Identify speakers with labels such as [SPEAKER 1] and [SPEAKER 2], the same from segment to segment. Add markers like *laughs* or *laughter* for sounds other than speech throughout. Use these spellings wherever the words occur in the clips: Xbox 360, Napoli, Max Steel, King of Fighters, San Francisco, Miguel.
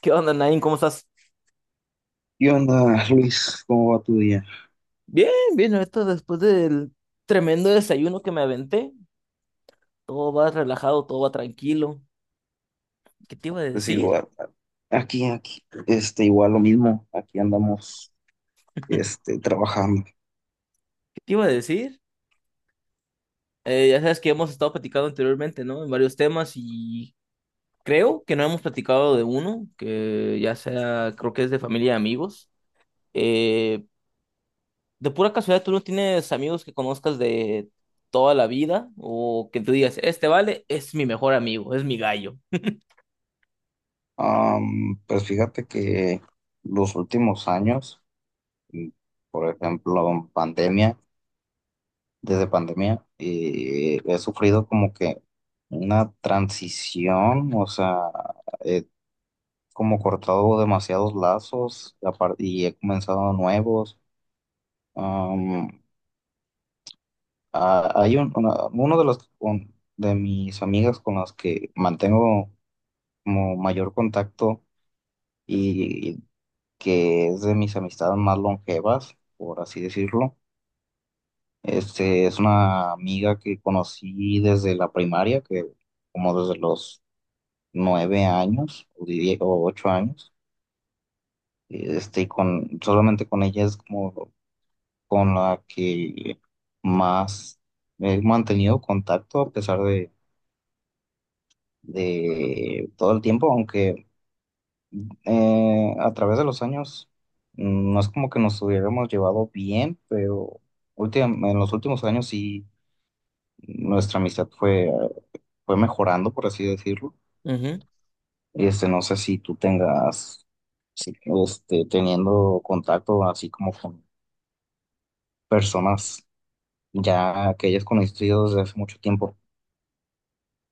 [SPEAKER 1] ¿Qué onda, Nain? ¿Cómo estás?
[SPEAKER 2] ¿Qué onda, Luis? ¿Cómo va tu día?
[SPEAKER 1] Bien, bien, ahorita después del tremendo desayuno que me aventé, todo va relajado, todo va tranquilo. ¿Qué te iba a
[SPEAKER 2] Pues
[SPEAKER 1] decir?
[SPEAKER 2] igual, aquí, igual lo mismo, aquí andamos, trabajando.
[SPEAKER 1] ¿Qué te iba a decir? Ya sabes que hemos estado platicando anteriormente, ¿no? En varios temas y creo que no hemos platicado de uno, que ya sea, creo que es de familia y amigos. Eh, de pura casualidad, ¿tú no tienes amigos que conozcas de toda la vida o que tú digas, este vale, es mi mejor amigo, es mi gallo?
[SPEAKER 2] Pues fíjate que los últimos años, y por ejemplo, pandemia, desde pandemia, he sufrido como que una transición, o sea, he como cortado demasiados lazos y y he comenzado nuevos. Ah, hay un, una- uno de los un- de mis amigas con las que mantengo como mayor contacto y, que es de mis amistades más longevas, por así decirlo. Este es una amiga que conocí desde la primaria, que como desde los 9 años o o 8 años. Y con solamente con ella es como con la que más he mantenido contacto a pesar de todo el tiempo, aunque, a través de los años, no es como que nos hubiéramos llevado bien, pero en los últimos años sí nuestra amistad fue mejorando, por así decirlo. No sé si tú tengas, si- teniendo contacto así como con personas ya que hayas conocido desde hace mucho tiempo.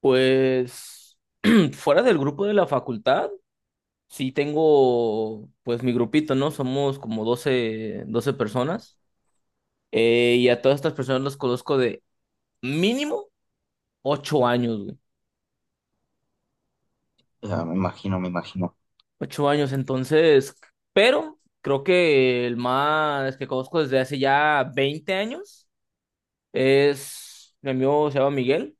[SPEAKER 1] Pues *clears throat* fuera del grupo de la facultad, sí tengo pues mi grupito, ¿no? Somos como doce personas. Y a todas estas personas las conozco de mínimo 8 años, güey.
[SPEAKER 2] Ya, me imagino, me imagino.
[SPEAKER 1] 8 años, entonces, pero creo que el más que conozco desde hace ya 20 años es mi amigo, se llama Miguel.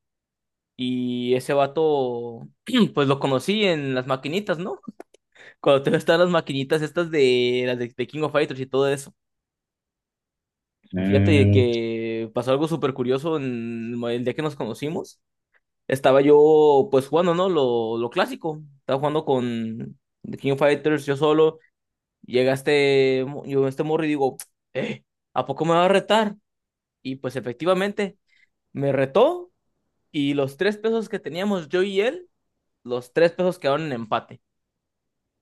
[SPEAKER 1] Y ese vato, *clears throat* pues lo conocí en las maquinitas, ¿no? Cuando todavía estaban *laughs* las maquinitas estas de las de King of Fighters y todo eso. Fíjate
[SPEAKER 2] Mm,
[SPEAKER 1] que pasó algo súper curioso en el día que nos conocimos. Estaba yo pues jugando, ¿no? Lo clásico. Estaba jugando con The King of Fighters yo solo. Llega este, mo- yo este morro y digo, eh, ¿a poco me va a retar? Y pues efectivamente me retó y los tres pesos que teníamos yo y él, los 3 pesos quedaron en empate.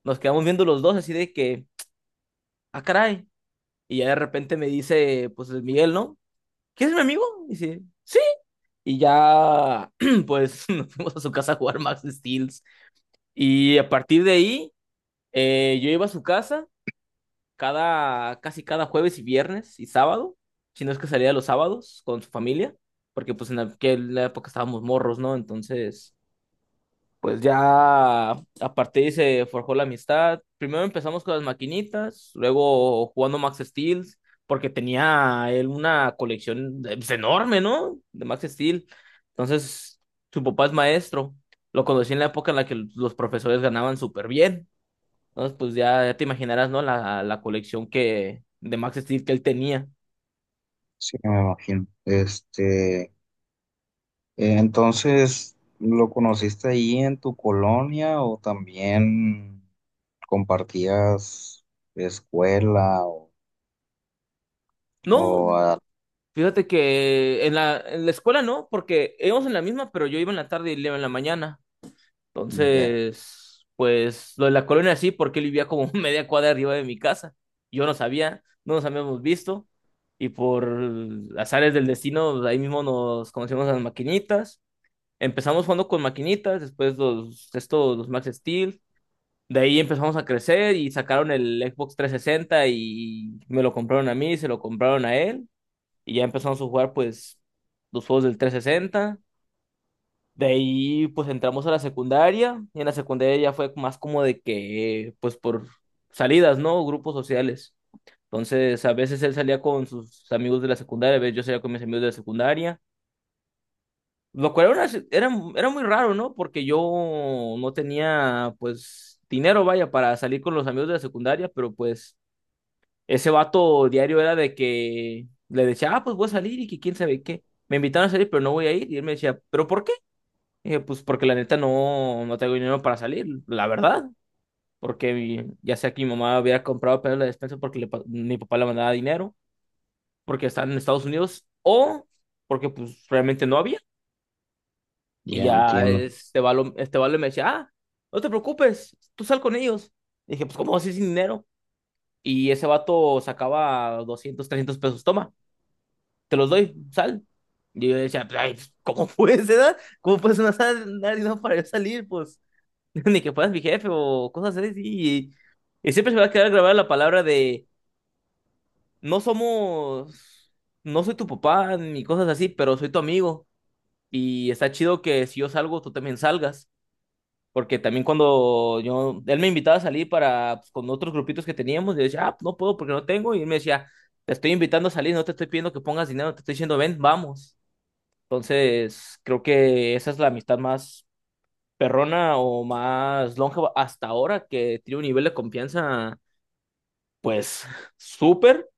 [SPEAKER 1] Nos quedamos viendo los dos así de que, ah, caray. Y ya de repente me dice, pues Luis Miguel, ¿no? ¿Quieres mi amigo? Y dice, sí. Y ya, *clears throat* pues *laughs* nos fuimos a su casa a jugar Max Steel. Y a partir de ahí, yo iba a su casa cada, casi cada jueves y viernes y sábado, si no es que salía los sábados con su familia, porque pues en aquella época estábamos morros, ¿no? Entonces, pues ya a partir de ahí se forjó la amistad. Primero empezamos con las maquinitas, luego jugando Max Steel, porque tenía él una colección pues, enorme, ¿no? De Max Steel. Entonces, su papá es maestro. Lo conocí en la época en la que los profesores ganaban súper bien. Entonces, pues ya, ya te imaginarás, ¿no? La colección que, de Max Steel que él tenía.
[SPEAKER 2] sí, me imagino. Entonces, ¿lo conociste ahí en tu colonia o también compartías escuela o,
[SPEAKER 1] No,
[SPEAKER 2] o a-
[SPEAKER 1] fíjate que en la escuela no, porque íbamos en la misma, pero yo iba en la tarde y él iba en la mañana.
[SPEAKER 2] ya,
[SPEAKER 1] Entonces, pues lo de la colonia sí, porque él vivía como *laughs* media cuadra arriba de mi casa. Yo no sabía, no nos habíamos visto. Y por azares del destino, pues, ahí mismo nos conocimos a las maquinitas. Empezamos jugando con maquinitas, después los, estos, los Max Steel. De ahí empezamos a crecer y sacaron el Xbox 360 y me lo compraron a mí, se lo compraron a él. Y ya empezamos a jugar pues los juegos del 360. De ahí pues entramos a la secundaria y en la secundaria ya fue más como de que pues por salidas, ¿no? Grupos sociales. Entonces a veces él salía con sus amigos de la secundaria, a veces yo salía con mis amigos de la secundaria, lo cual era, si, era muy raro, ¿no? Porque yo no tenía pues dinero, vaya, para salir con los amigos de la secundaria, pero pues ese vato diario era de que le decía, ah, pues voy a salir y que quién sabe qué. Me invitaron a salir, pero no voy a ir. Y él me decía, ¿pero por qué? Y yo, pues porque la neta no tengo dinero para salir, la verdad. Porque ya sea que mi mamá hubiera comprado apenas la despensa porque mi papá le mandaba dinero, porque está en Estados Unidos, o porque pues realmente no había. Y
[SPEAKER 2] ya
[SPEAKER 1] ya
[SPEAKER 2] entiendo.
[SPEAKER 1] este vale me decía, ah, no te preocupes, tú sal con ellos. Y dije, pues ¿cómo vas a ir sin dinero? Y ese vato sacaba 200, 300 pesos, toma, te los doy, sal. Y yo decía, pues, "Ay, ¿cómo *laughs* puedes, edad? ¿Cómo puedes no dar dinero para yo salir? Pues. *laughs* ni que fueras mi jefe o cosas así. Y siempre se me va a quedar grabada la palabra de no somos, no soy tu papá ni cosas así, pero soy tu amigo. Y está chido que si yo salgo, tú también salgas. Porque también cuando yo, él me invitaba a salir para, pues, con otros grupitos que teníamos, yo decía, ah, pues, no puedo porque no tengo. Y él me decía, te estoy invitando a salir, no te estoy pidiendo que pongas dinero, te estoy diciendo, ven, vamos. Entonces, creo que esa es la amistad más perrona o más longeva hasta ahora, que tiene un nivel de confianza, pues, súper.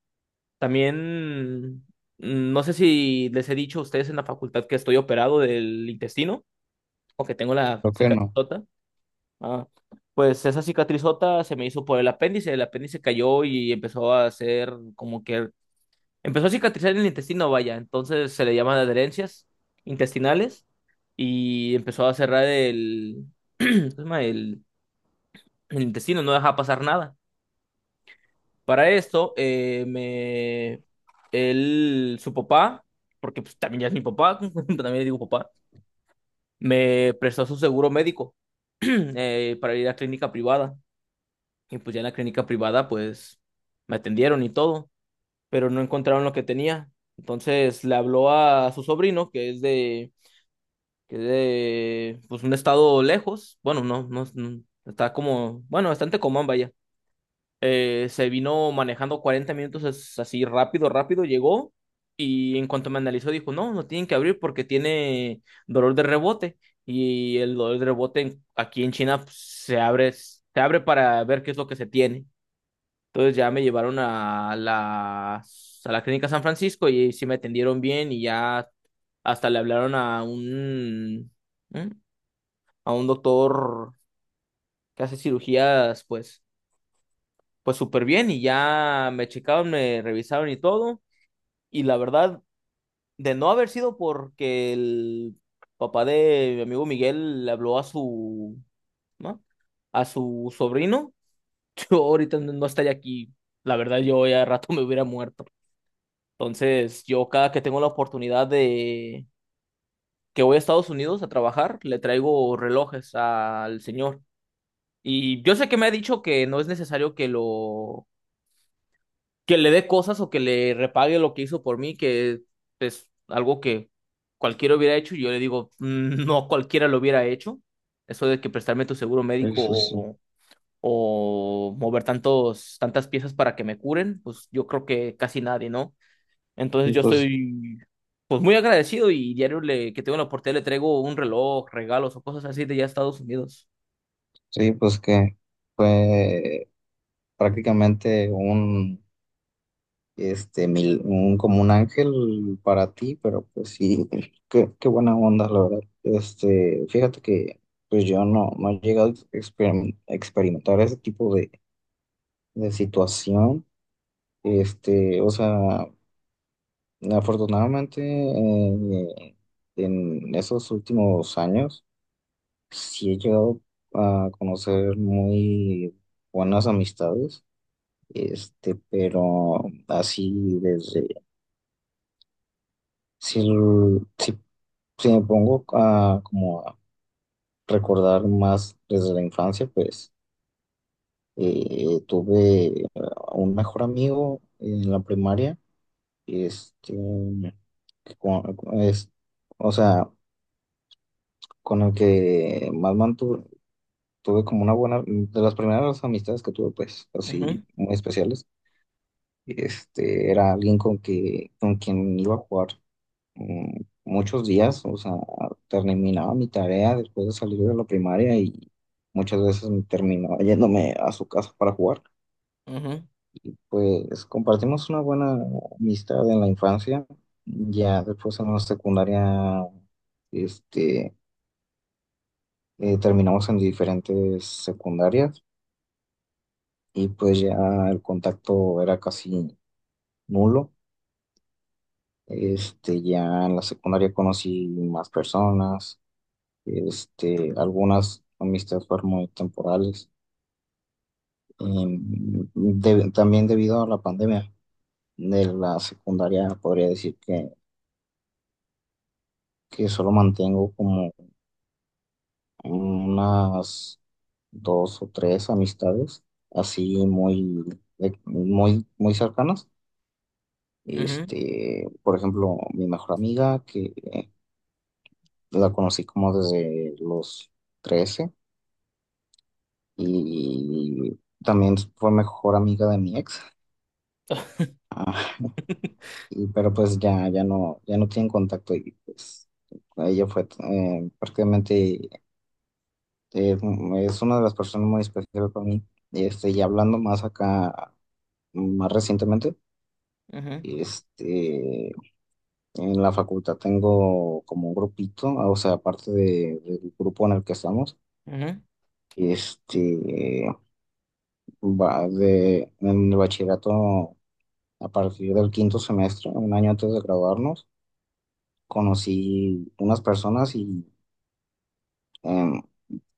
[SPEAKER 1] También, mm, no sé si les he dicho a ustedes en la facultad que estoy operado del intestino o que tengo la
[SPEAKER 2] Creo que no.
[SPEAKER 1] cicatrizota. Ah, pues esa cicatrizota se me hizo por el apéndice cayó y empezó a hacer como que empezó a cicatrizar en el intestino, vaya, entonces se le llaman adherencias intestinales y empezó a cerrar el, *clears throat* ¿cómo se llama? El intestino no deja pasar nada. Para esto, me, él, su papá, porque pues, también ya es mi papá, *laughs* también le digo papá, me prestó su seguro médico *clears throat* para ir a clínica privada. Y pues ya en la clínica privada, pues me atendieron y todo, pero no encontraron lo que tenía. Entonces le habló a su sobrino, que es de pues, un estado lejos. Bueno, no, no, no, está como, bueno, bastante común, vaya. Se vino manejando 40 minutos as- así rápido, rápido, llegó y en cuanto me analizó dijo, no, no tienen que abrir porque tiene dolor de rebote y el dolor de rebote en- aquí en China pues, se abre para ver qué es lo que se tiene. Entonces ya me llevaron a la clínica San Francisco y sí me atendieron bien y ya hasta le hablaron a un, ¿eh? A un doctor que hace cirugías, pues pues súper bien y ya me checaron, me revisaron y todo. Y la verdad, de no haber sido porque el papá de mi amigo Miguel le habló a su, ¿no? A su sobrino, *laughs* yo ahorita no estaría aquí. La verdad, yo ya de rato me hubiera muerto. Entonces, yo cada que tengo la oportunidad de que voy a Estados Unidos a trabajar, le traigo relojes al señor. Y yo sé que me ha dicho que no es necesario que lo que le dé cosas o que le repague lo que hizo por mí, que es algo que cualquiera hubiera hecho, y yo le digo, "Mm, no cualquiera lo hubiera hecho. Eso de que prestarme tu seguro médico
[SPEAKER 2] Eso sí.
[SPEAKER 1] o mover tantos, tantas piezas para que me curen, pues yo creo que casi nadie, ¿no? Entonces
[SPEAKER 2] Y
[SPEAKER 1] yo
[SPEAKER 2] pues,
[SPEAKER 1] estoy pues muy agradecido y diario le, que tengo la oportunidad le traigo un reloj, regalos o cosas así de ya Estados Unidos.
[SPEAKER 2] sí, pues que fue prácticamente un, este, mil, un, como un ángel para ti, pero pues sí, *laughs* qué buena onda, la verdad. Fíjate que pues yo no he llegado a experimentar ese tipo de situación. O sea, afortunadamente, en esos últimos años sí he llegado a conocer muy buenas amistades, pero así desde, si, si, si me pongo como a recordar más desde la infancia, pues, tuve, un mejor amigo en la primaria. Este, con- con- es, o sea, con el que más mantuve, tuve como una buena, de las primeras amistades que tuve, pues,
[SPEAKER 1] Ujú,
[SPEAKER 2] así, muy especiales. Era alguien con quien iba a jugar, muchos días, o sea, terminaba mi tarea después de salir de la primaria y muchas veces me terminaba yéndome a su casa para jugar.
[SPEAKER 1] ujú,
[SPEAKER 2] Y pues compartimos una buena amistad en la infancia. Ya después en la secundaria, este, terminamos en diferentes secundarias y pues ya el contacto era casi nulo. Ya en la secundaria conocí más personas. Algunas amistades fueron muy temporales, em, también debido a la pandemia de la secundaria podría decir que, solo mantengo como unas dos o tres amistades así muy, muy, muy cercanas.
[SPEAKER 1] ujú,
[SPEAKER 2] Por ejemplo, mi mejor amiga, que la conocí como desde los 13, y también fue mejor amiga de mi ex.
[SPEAKER 1] *laughs*
[SPEAKER 2] Ah, y, pero pues ya no tienen contacto y pues ella fue, prácticamente, eh, es una de las personas muy especiales para mí. Y hablando más acá, más recientemente.
[SPEAKER 1] ujú,
[SPEAKER 2] Este, en la facultad tengo como un grupito, ah, o sea, aparte del grupo en el que estamos.
[SPEAKER 1] ujú,
[SPEAKER 2] Este, va de, en el bachillerato, a partir del quinto semestre, un año antes de graduarnos, conocí unas personas y, em,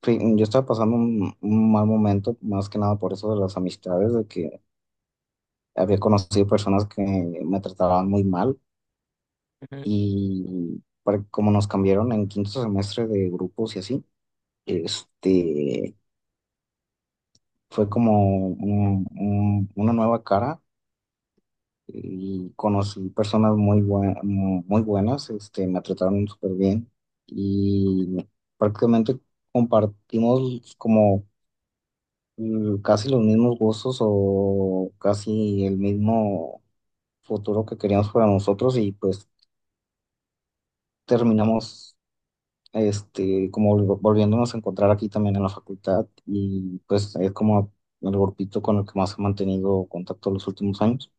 [SPEAKER 2] sí, yo estaba pasando un mal momento, más que nada por eso de las amistades, de que había conocido personas que me trataban muy mal
[SPEAKER 1] ujú,
[SPEAKER 2] y como nos cambiaron en quinto semestre de grupos y así, este, fue como una nueva cara y conocí personas muy buenas. Me trataron súper bien y prácticamente compartimos como, casi los mismos gustos o casi el mismo futuro que queríamos para nosotros, y pues terminamos, volviéndonos a encontrar aquí también en la facultad, y pues es como el grupito con el que más he mantenido contacto los últimos años.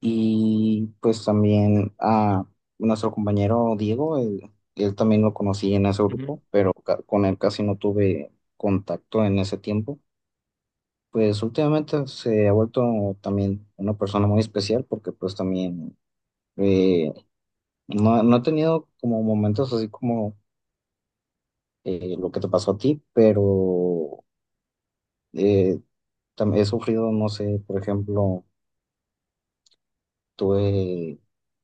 [SPEAKER 2] Y pues también a nuestro compañero Diego, él también lo conocí en ese
[SPEAKER 1] ujú.
[SPEAKER 2] grupo, pero con él casi no tuve contacto en ese tiempo. Pues últimamente se ha vuelto también una persona muy especial, porque pues también, eh, no he tenido como momentos así como, lo que te pasó a ti, pero, eh, he sufrido, no sé, por ejemplo, tuve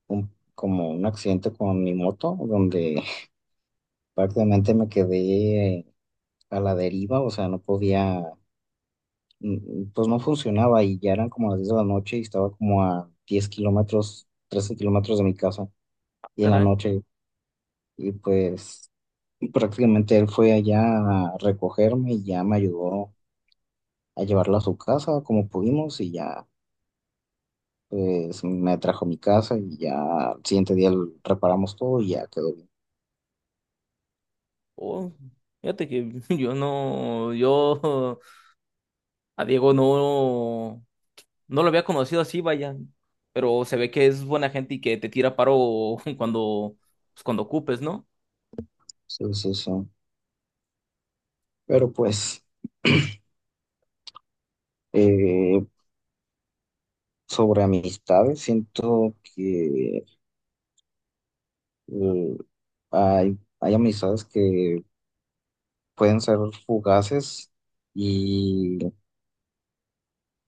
[SPEAKER 2] como un accidente con mi moto donde *laughs* prácticamente me quedé a la deriva, o sea, no podía, pues no funcionaba, y ya eran como las 10 de la noche y estaba como a 10 km, 13 km de mi casa,
[SPEAKER 1] Ah,
[SPEAKER 2] y en la
[SPEAKER 1] caray.
[SPEAKER 2] noche, y pues prácticamente él fue allá a recogerme y ya me ayudó a llevarla a su casa como pudimos, y ya pues me trajo a mi casa, y ya al siguiente día lo reparamos todo y ya quedó bien.
[SPEAKER 1] Oh, fíjate que *laughs* yo no, yo a Diego no, no lo había conocido así, vaya, pero se ve que es buena gente y que te tira paro *laughs* cuando, pues, cuando ocupes, ¿no?
[SPEAKER 2] Sí, sí, sí. Pero pues *clears throat* eh, sobre amistades, siento que, eh, hay amistades que pueden ser fugaces y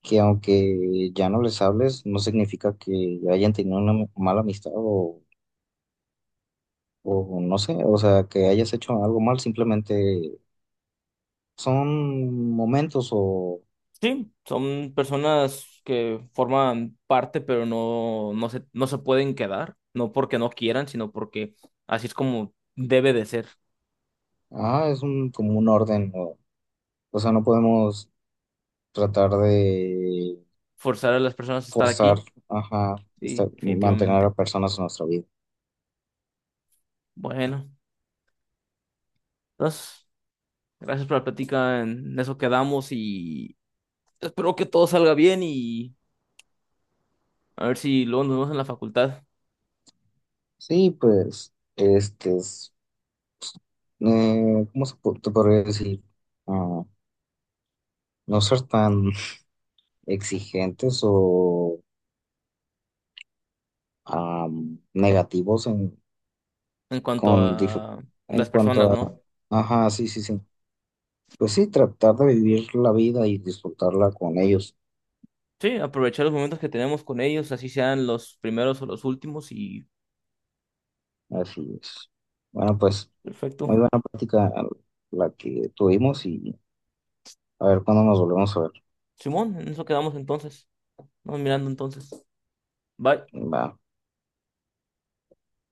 [SPEAKER 2] que, aunque ya no les hables, no significa que hayan tenido una mala amistad, o no sé, o sea, que hayas hecho algo mal, simplemente son momentos o...
[SPEAKER 1] Sí, son personas que forman parte, pero no, no se pueden quedar, no porque no quieran, sino porque así es como debe de ser,
[SPEAKER 2] Ah, es como un orden, ¿no? O sea, no podemos tratar de
[SPEAKER 1] forzar a las personas a estar
[SPEAKER 2] forzar,
[SPEAKER 1] aquí,
[SPEAKER 2] ajá,
[SPEAKER 1] sí,
[SPEAKER 2] mantener a
[SPEAKER 1] definitivamente.
[SPEAKER 2] personas en nuestra vida.
[SPEAKER 1] Bueno, entonces, gracias por la plática, en eso quedamos y... espero que todo salga bien y a ver si luego nos vemos en la facultad
[SPEAKER 2] Sí, pues, ¿cómo te podría decir? Ah, no ser tan *laughs* exigentes o, negativos
[SPEAKER 1] en cuanto
[SPEAKER 2] con, dif-
[SPEAKER 1] a
[SPEAKER 2] en
[SPEAKER 1] las
[SPEAKER 2] cuanto
[SPEAKER 1] personas,
[SPEAKER 2] a,
[SPEAKER 1] ¿no?
[SPEAKER 2] ajá, sí, sí, sí. Pues sí, tratar de vivir la vida y disfrutarla con ellos.
[SPEAKER 1] Sí, aprovechar los momentos que tenemos con ellos, así sean los primeros o los últimos y
[SPEAKER 2] Así es. Bueno, pues.
[SPEAKER 1] perfecto.
[SPEAKER 2] Muy buena práctica la que tuvimos, y a ver cuándo nos volvemos a ver.
[SPEAKER 1] Simón, en eso quedamos entonces. Vamos mirando entonces. Bye.
[SPEAKER 2] Va.